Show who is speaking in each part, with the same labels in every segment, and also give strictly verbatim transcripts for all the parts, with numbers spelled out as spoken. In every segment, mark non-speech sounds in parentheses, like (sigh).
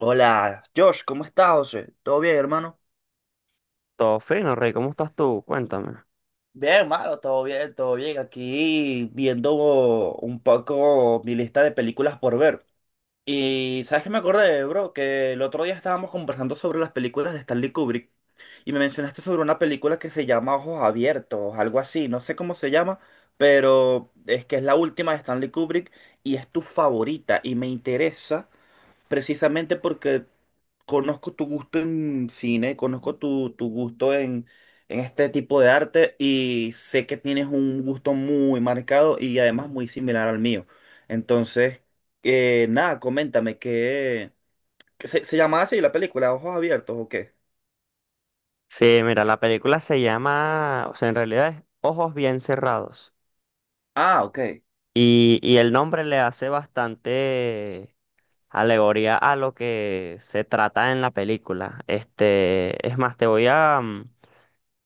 Speaker 1: Hola, Josh, ¿cómo estás, José? ¿Todo bien, hermano?
Speaker 2: Todo fino, Rey, ¿cómo estás tú? Cuéntame.
Speaker 1: Bien, hermano, todo bien, todo bien. Aquí viendo un poco mi lista de películas por ver. Y ¿sabes qué me acordé, bro? Que el otro día estábamos conversando sobre las películas de Stanley Kubrick y me mencionaste sobre una película que se llama Ojos Abiertos, algo así, no sé cómo se llama, pero es que es la última de Stanley Kubrick y es tu favorita y me interesa precisamente porque conozco tu gusto en cine, conozco tu, tu gusto en, en este tipo de arte y sé que tienes un gusto muy marcado y además muy similar al mío. Entonces, eh, nada, coméntame, ¿qué, qué se, se llamaba así la película? ¿Ojos abiertos o qué?
Speaker 2: Sí, mira, la película se llama, o sea, en realidad es Ojos Bien Cerrados.
Speaker 1: Ah, ok.
Speaker 2: Y, y el nombre le hace bastante alegoría a lo que se trata en la película. Este, es más, te voy a mm,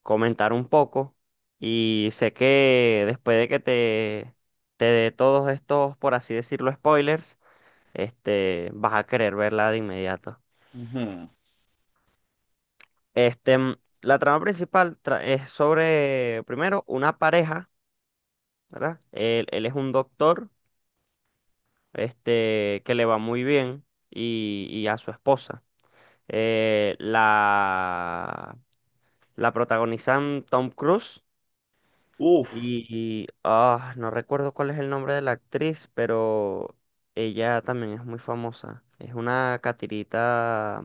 Speaker 2: comentar un poco. Y sé que después de que te, te dé todos estos, por así decirlo, spoilers, este, vas a querer verla de inmediato.
Speaker 1: Ujú.
Speaker 2: Este, mm, la trama principal tra- es sobre, primero, una pareja, ¿verdad? Él, él es un doctor, este, que le va muy bien y, y a su esposa. Eh, la, la protagonizan Tom Cruise
Speaker 1: Uf,
Speaker 2: y, ah, no recuerdo cuál es el nombre de la actriz, pero ella también es muy famosa. Es una catirita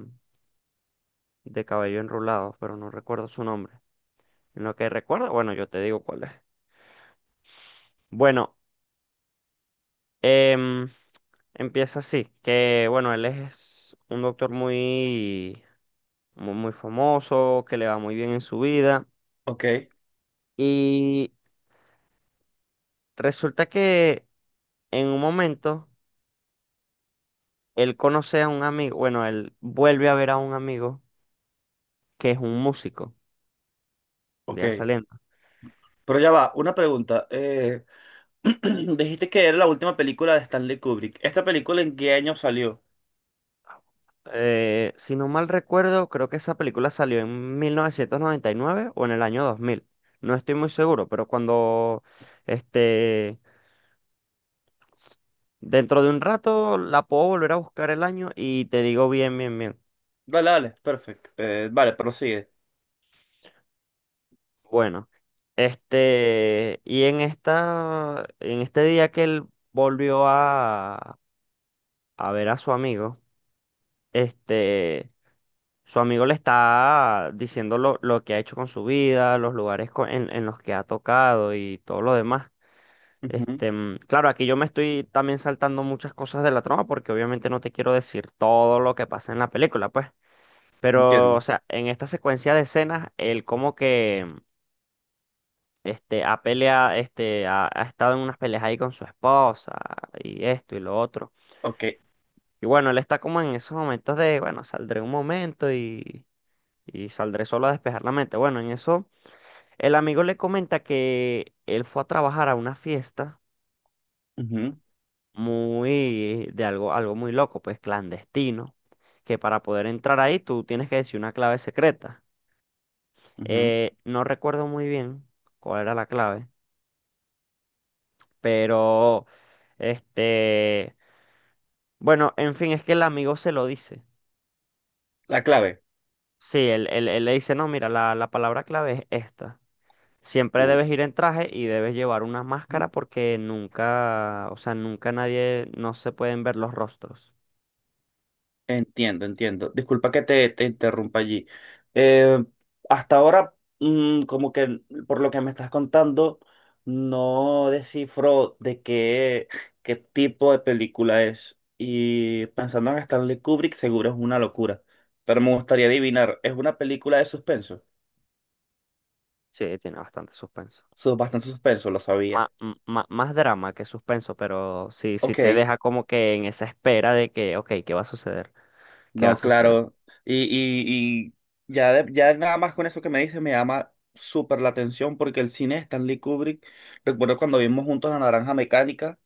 Speaker 2: de cabello enrulado, pero no recuerdo su nombre. En lo que recuerdo, bueno, yo te digo cuál es. Bueno, Em, Empieza así, que bueno, él es un doctor muy, muy, muy famoso, que le va muy bien en su vida.
Speaker 1: ok,
Speaker 2: Y resulta que en un momento él conoce a un amigo, bueno, él vuelve a ver a un amigo que es un músico, ya
Speaker 1: ok.
Speaker 2: saliendo.
Speaker 1: Pero ya va, una pregunta. eh, (clears throat) dijiste que era la última película de Stanley Kubrick. ¿Esta película en qué año salió?
Speaker 2: Eh, si no mal recuerdo, creo que esa película salió en mil novecientos noventa y nueve o en el año dos mil. No estoy muy seguro, pero cuando este dentro de un rato la puedo volver a buscar el año y te digo bien, bien, bien.
Speaker 1: Dale, dale, perfecto. Eh, vale, prosigue.
Speaker 2: Bueno, este, y en esta, en este día que él volvió a, a ver a su amigo, este, su amigo le está diciendo lo, lo que ha hecho con su vida, los lugares co- en, en los que ha tocado y todo lo demás.
Speaker 1: Ujú.
Speaker 2: Este, mm, claro, aquí yo me estoy también saltando muchas cosas de la trama porque obviamente no te quiero decir todo lo que pasa en la película, pues. Pero, o
Speaker 1: Entiendo.
Speaker 2: sea, en esta secuencia de escenas, él como que mm, este, ha peleado, este, ha, ha estado en unas peleas ahí con su esposa y esto y lo otro.
Speaker 1: Ok.
Speaker 2: Y bueno, él está como en esos momentos de, bueno, saldré un momento y, y saldré solo a despejar la mente. Bueno, en eso, el amigo le comenta que él fue a trabajar a una fiesta
Speaker 1: Ujú,
Speaker 2: muy, de algo, algo muy loco, pues clandestino, que para poder entrar ahí tú tienes que decir una clave secreta.
Speaker 1: ujú.
Speaker 2: Eh, no recuerdo muy bien cuál era la clave, pero este, bueno, en fin, es que el amigo se lo dice.
Speaker 1: La clave.
Speaker 2: Sí, él, él- él le dice, no, mira, la, la palabra clave es esta. Siempre
Speaker 1: Uf.
Speaker 2: debes ir en traje y debes llevar una máscara porque nunca, o sea, nunca nadie, no se pueden ver los rostros.
Speaker 1: Entiendo, entiendo. Disculpa que te, te interrumpa allí. Eh, hasta ahora, mm, como que por lo que me estás contando, no descifro de qué, qué tipo de película es. Y pensando en Stanley Kubrick, seguro es una locura. Pero me gustaría adivinar, ¿es una película de suspenso?
Speaker 2: Sí, tiene bastante suspenso.
Speaker 1: Su- bastante suspenso, lo sabía.
Speaker 2: Má- m- má- más drama que suspenso, pero sí, sí te
Speaker 1: Ok.
Speaker 2: deja como que en esa espera de que, ok, ¿qué va a suceder? ¿Qué va a
Speaker 1: No,
Speaker 2: suceder?
Speaker 1: claro. Y, y, y ya, de- ya nada más con eso que me dice me llama súper la atención porque el cine de Stanley Kubrick, recuerdo cuando vimos juntos La Naranja Mecánica,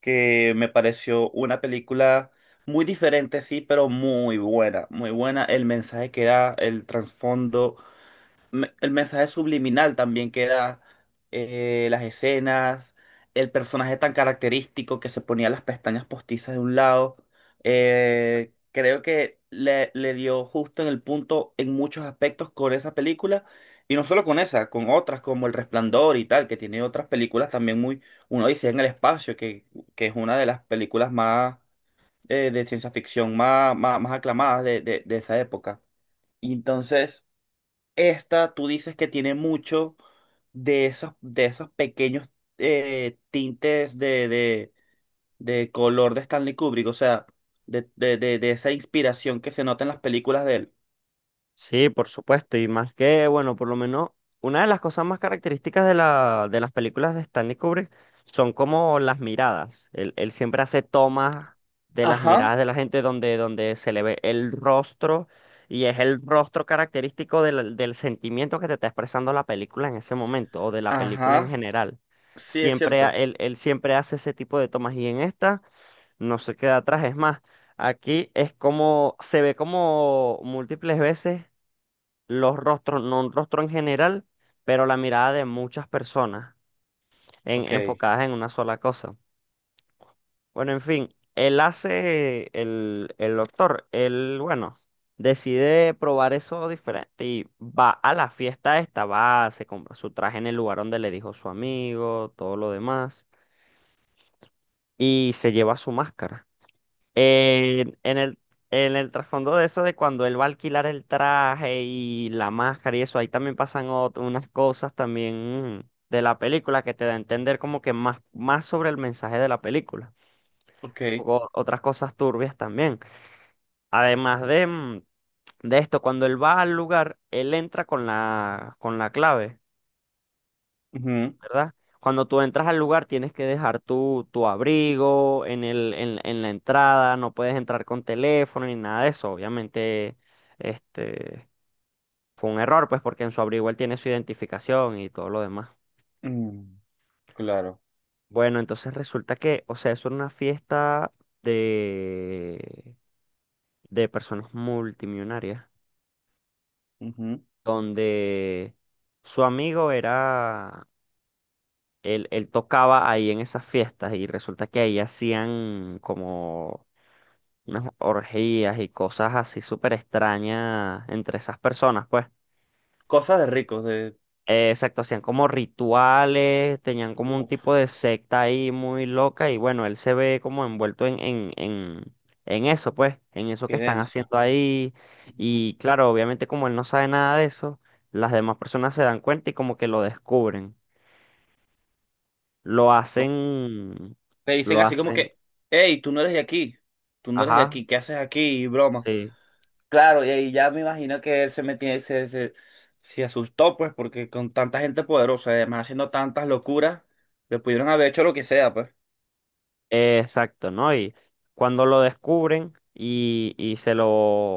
Speaker 1: que me pareció una película muy diferente, sí, pero muy buena, muy buena. El mensaje que da, el trasfondo me- el mensaje subliminal también que da, eh, las escenas, el personaje tan característico que se ponía las pestañas postizas de un lado. Eh, creo que le, le dio justo en el punto en muchos aspectos con esa película. Y no solo con esa, con otras como El Resplandor y tal, que tiene otras películas también muy, uno dice en el espacio, que, que es una de las películas más eh, de ciencia ficción más, más, más aclamadas de, de de esa época. Y entonces, esta, tú dices que tiene mucho de esos, de esos pequeños eh, tintes de, de, de color de Stanley Kubrick, o sea, de, de, de, de esa inspiración que se nota en las películas de él.
Speaker 2: Sí, por supuesto, y más que, bueno, por lo menos una de las cosas más características de la, de las películas de Stanley Kubrick son como las miradas. Él, él siempre hace tomas de las
Speaker 1: Ajá,
Speaker 2: miradas de la gente donde, donde se le ve el rostro y es el rostro característico del, del sentimiento que te está expresando la película en ese momento o de la película en
Speaker 1: ajá,
Speaker 2: general.
Speaker 1: sí es
Speaker 2: Siempre, ha-
Speaker 1: cierto.
Speaker 2: él, él siempre hace ese tipo de tomas y en esta no se queda atrás, es más. Aquí es como, se ve como múltiples veces los rostros, no un rostro en general, pero la mirada de muchas personas en-
Speaker 1: Ok,
Speaker 2: enfocadas en una sola cosa. Bueno, en fin, él hace, el, el doctor, él, bueno, decide probar eso diferente y va a la fiesta esta, va, se compra su traje en el lugar donde le dijo su amigo, todo lo demás, y se lleva su máscara. En, en el, en el trasfondo de eso, de cuando él va a alquilar el traje y la máscara y eso, ahí también pasan ot- unas cosas también mm, de la película que te da a entender como que más, más sobre el mensaje de la película. Un
Speaker 1: ok.
Speaker 2: poco otras cosas turbias también. Además de, mm, de esto, cuando él va al lugar, él entra con la, con la clave.
Speaker 1: Ujú,
Speaker 2: ¿Verdad? Cuando tú entras al lugar tienes que dejar tu, tu abrigo en el, en, en la entrada, no puedes entrar con teléfono ni nada de eso. Obviamente, este fue un error, pues, porque en su abrigo él tiene su identificación y todo lo demás.
Speaker 1: mm, claro.
Speaker 2: Bueno, entonces resulta que, o sea, es una fiesta de, de personas multimillonarias,
Speaker 1: Ujú.
Speaker 2: donde su amigo era, él, él tocaba ahí en esas fiestas y resulta que ahí hacían como unas orgías y cosas así súper extrañas entre esas personas, pues.
Speaker 1: Cosas de ricos, de...
Speaker 2: Eh, exacto, hacían como rituales, tenían como un
Speaker 1: Uf,
Speaker 2: tipo de secta ahí muy loca y bueno, él se ve como envuelto en, en, en, en eso, pues, en eso que
Speaker 1: qué
Speaker 2: están
Speaker 1: denso.
Speaker 2: haciendo ahí.
Speaker 1: Ujú.
Speaker 2: Y claro, obviamente como él no sabe nada de eso, las demás personas se dan cuenta y como que lo descubren. Lo
Speaker 1: Co-
Speaker 2: hacen,
Speaker 1: le dicen
Speaker 2: lo
Speaker 1: así como
Speaker 2: hacen,
Speaker 1: que, hey, tú no eres de aquí, tú no eres de
Speaker 2: ajá,
Speaker 1: aquí, ¿qué haces aquí? Y broma.
Speaker 2: sí.
Speaker 1: Claro, y ahí ya me imagino que él se metía, se, se, se asustó, pues, porque con tanta gente poderosa, además haciendo tantas locuras, le pudieron haber hecho lo que sea, pues.
Speaker 2: Eh, Exacto, ¿no? Y cuando lo descubren y, y se lo,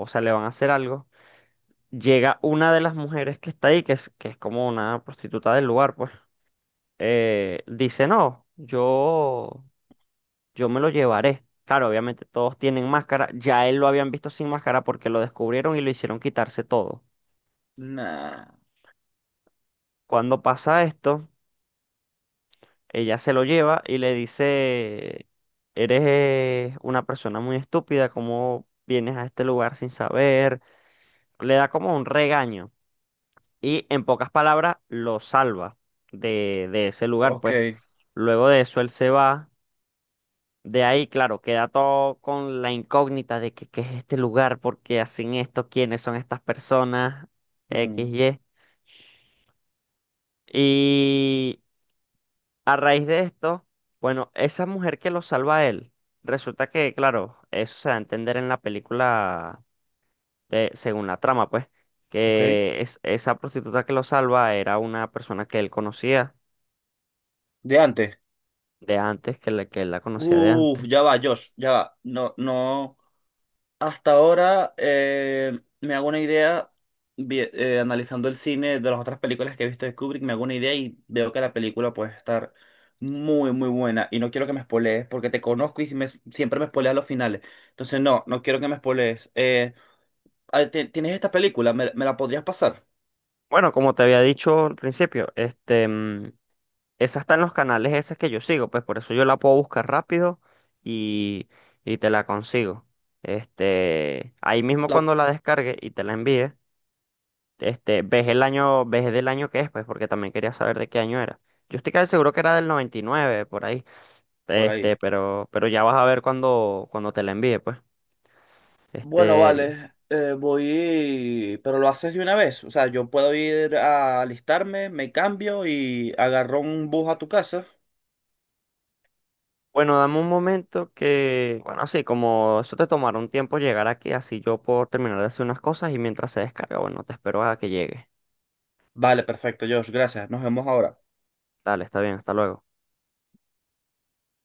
Speaker 2: o sea, le van a hacer algo, llega una de las mujeres que está ahí, que es, que es como una prostituta del lugar, pues, eh, dice, no, yo, yo me lo llevaré. Claro, obviamente todos tienen máscara, ya él lo habían visto sin máscara porque lo descubrieron y lo hicieron quitarse todo.
Speaker 1: Nah,
Speaker 2: Cuando pasa esto, ella se lo lleva y le dice, eres una persona muy estúpida, ¿cómo vienes a este lugar sin saber? Le da como un regaño y en pocas palabras lo salva de, de ese lugar,
Speaker 1: ok.
Speaker 2: pues luego de eso él se va, de ahí claro, queda todo con la incógnita de que, qué es este lugar, por qué hacen esto, quiénes son estas personas, X,
Speaker 1: Mm,
Speaker 2: Y. Y a raíz de esto, bueno, esa mujer que lo salva a él, resulta que claro, eso se da a entender en la película de- según la trama, pues,
Speaker 1: ok.
Speaker 2: que es, esa prostituta que lo salva era una persona que él conocía
Speaker 1: De antes.
Speaker 2: de antes, que, le- que él la conocía de
Speaker 1: Uf,
Speaker 2: antes.
Speaker 1: ya va, Josh, ya va. No, no. Hasta ahora eh, me hago una idea, vi- eh, analizando el cine de las otras películas que he visto de Kubrick, me hago una idea y veo que la película puede estar muy, muy buena. Y no quiero que me spoilees porque te conozco y si me- siempre me spoileas los finales. Entonces, no, no quiero que me spoilees. Eh, ah, ti- ¿tienes esta película? ¿Me, me la podrías pasar?
Speaker 2: Bueno, como te había dicho al principio, este, mm, esa está en los canales esas que yo sigo, pues por eso yo la puedo buscar rápido y, y te la consigo. Este, ahí mismo
Speaker 1: La-
Speaker 2: cuando la descargue y te la envíe, este, ves el año, ves del año que es, pues, porque también quería saber de qué año era. Yo estoy casi seguro que era del noventa y nueve por ahí.
Speaker 1: por ahí.
Speaker 2: Este, pero, pero ya vas a ver cuando, cuando te la envíe, pues.
Speaker 1: Bueno,
Speaker 2: Este,
Speaker 1: vale, eh, voy, pero lo haces de una vez. O sea, yo puedo ir a alistarme, me cambio y agarro un bus a tu casa.
Speaker 2: bueno, dame un momento que, bueno, sí, como eso te tomará un tiempo llegar aquí, así yo puedo terminar de hacer unas cosas y mientras se descarga, bueno, te espero a que llegue.
Speaker 1: Vale, perfecto, Josh, gracias. Nos vemos ahora.
Speaker 2: Dale, está bien, hasta luego.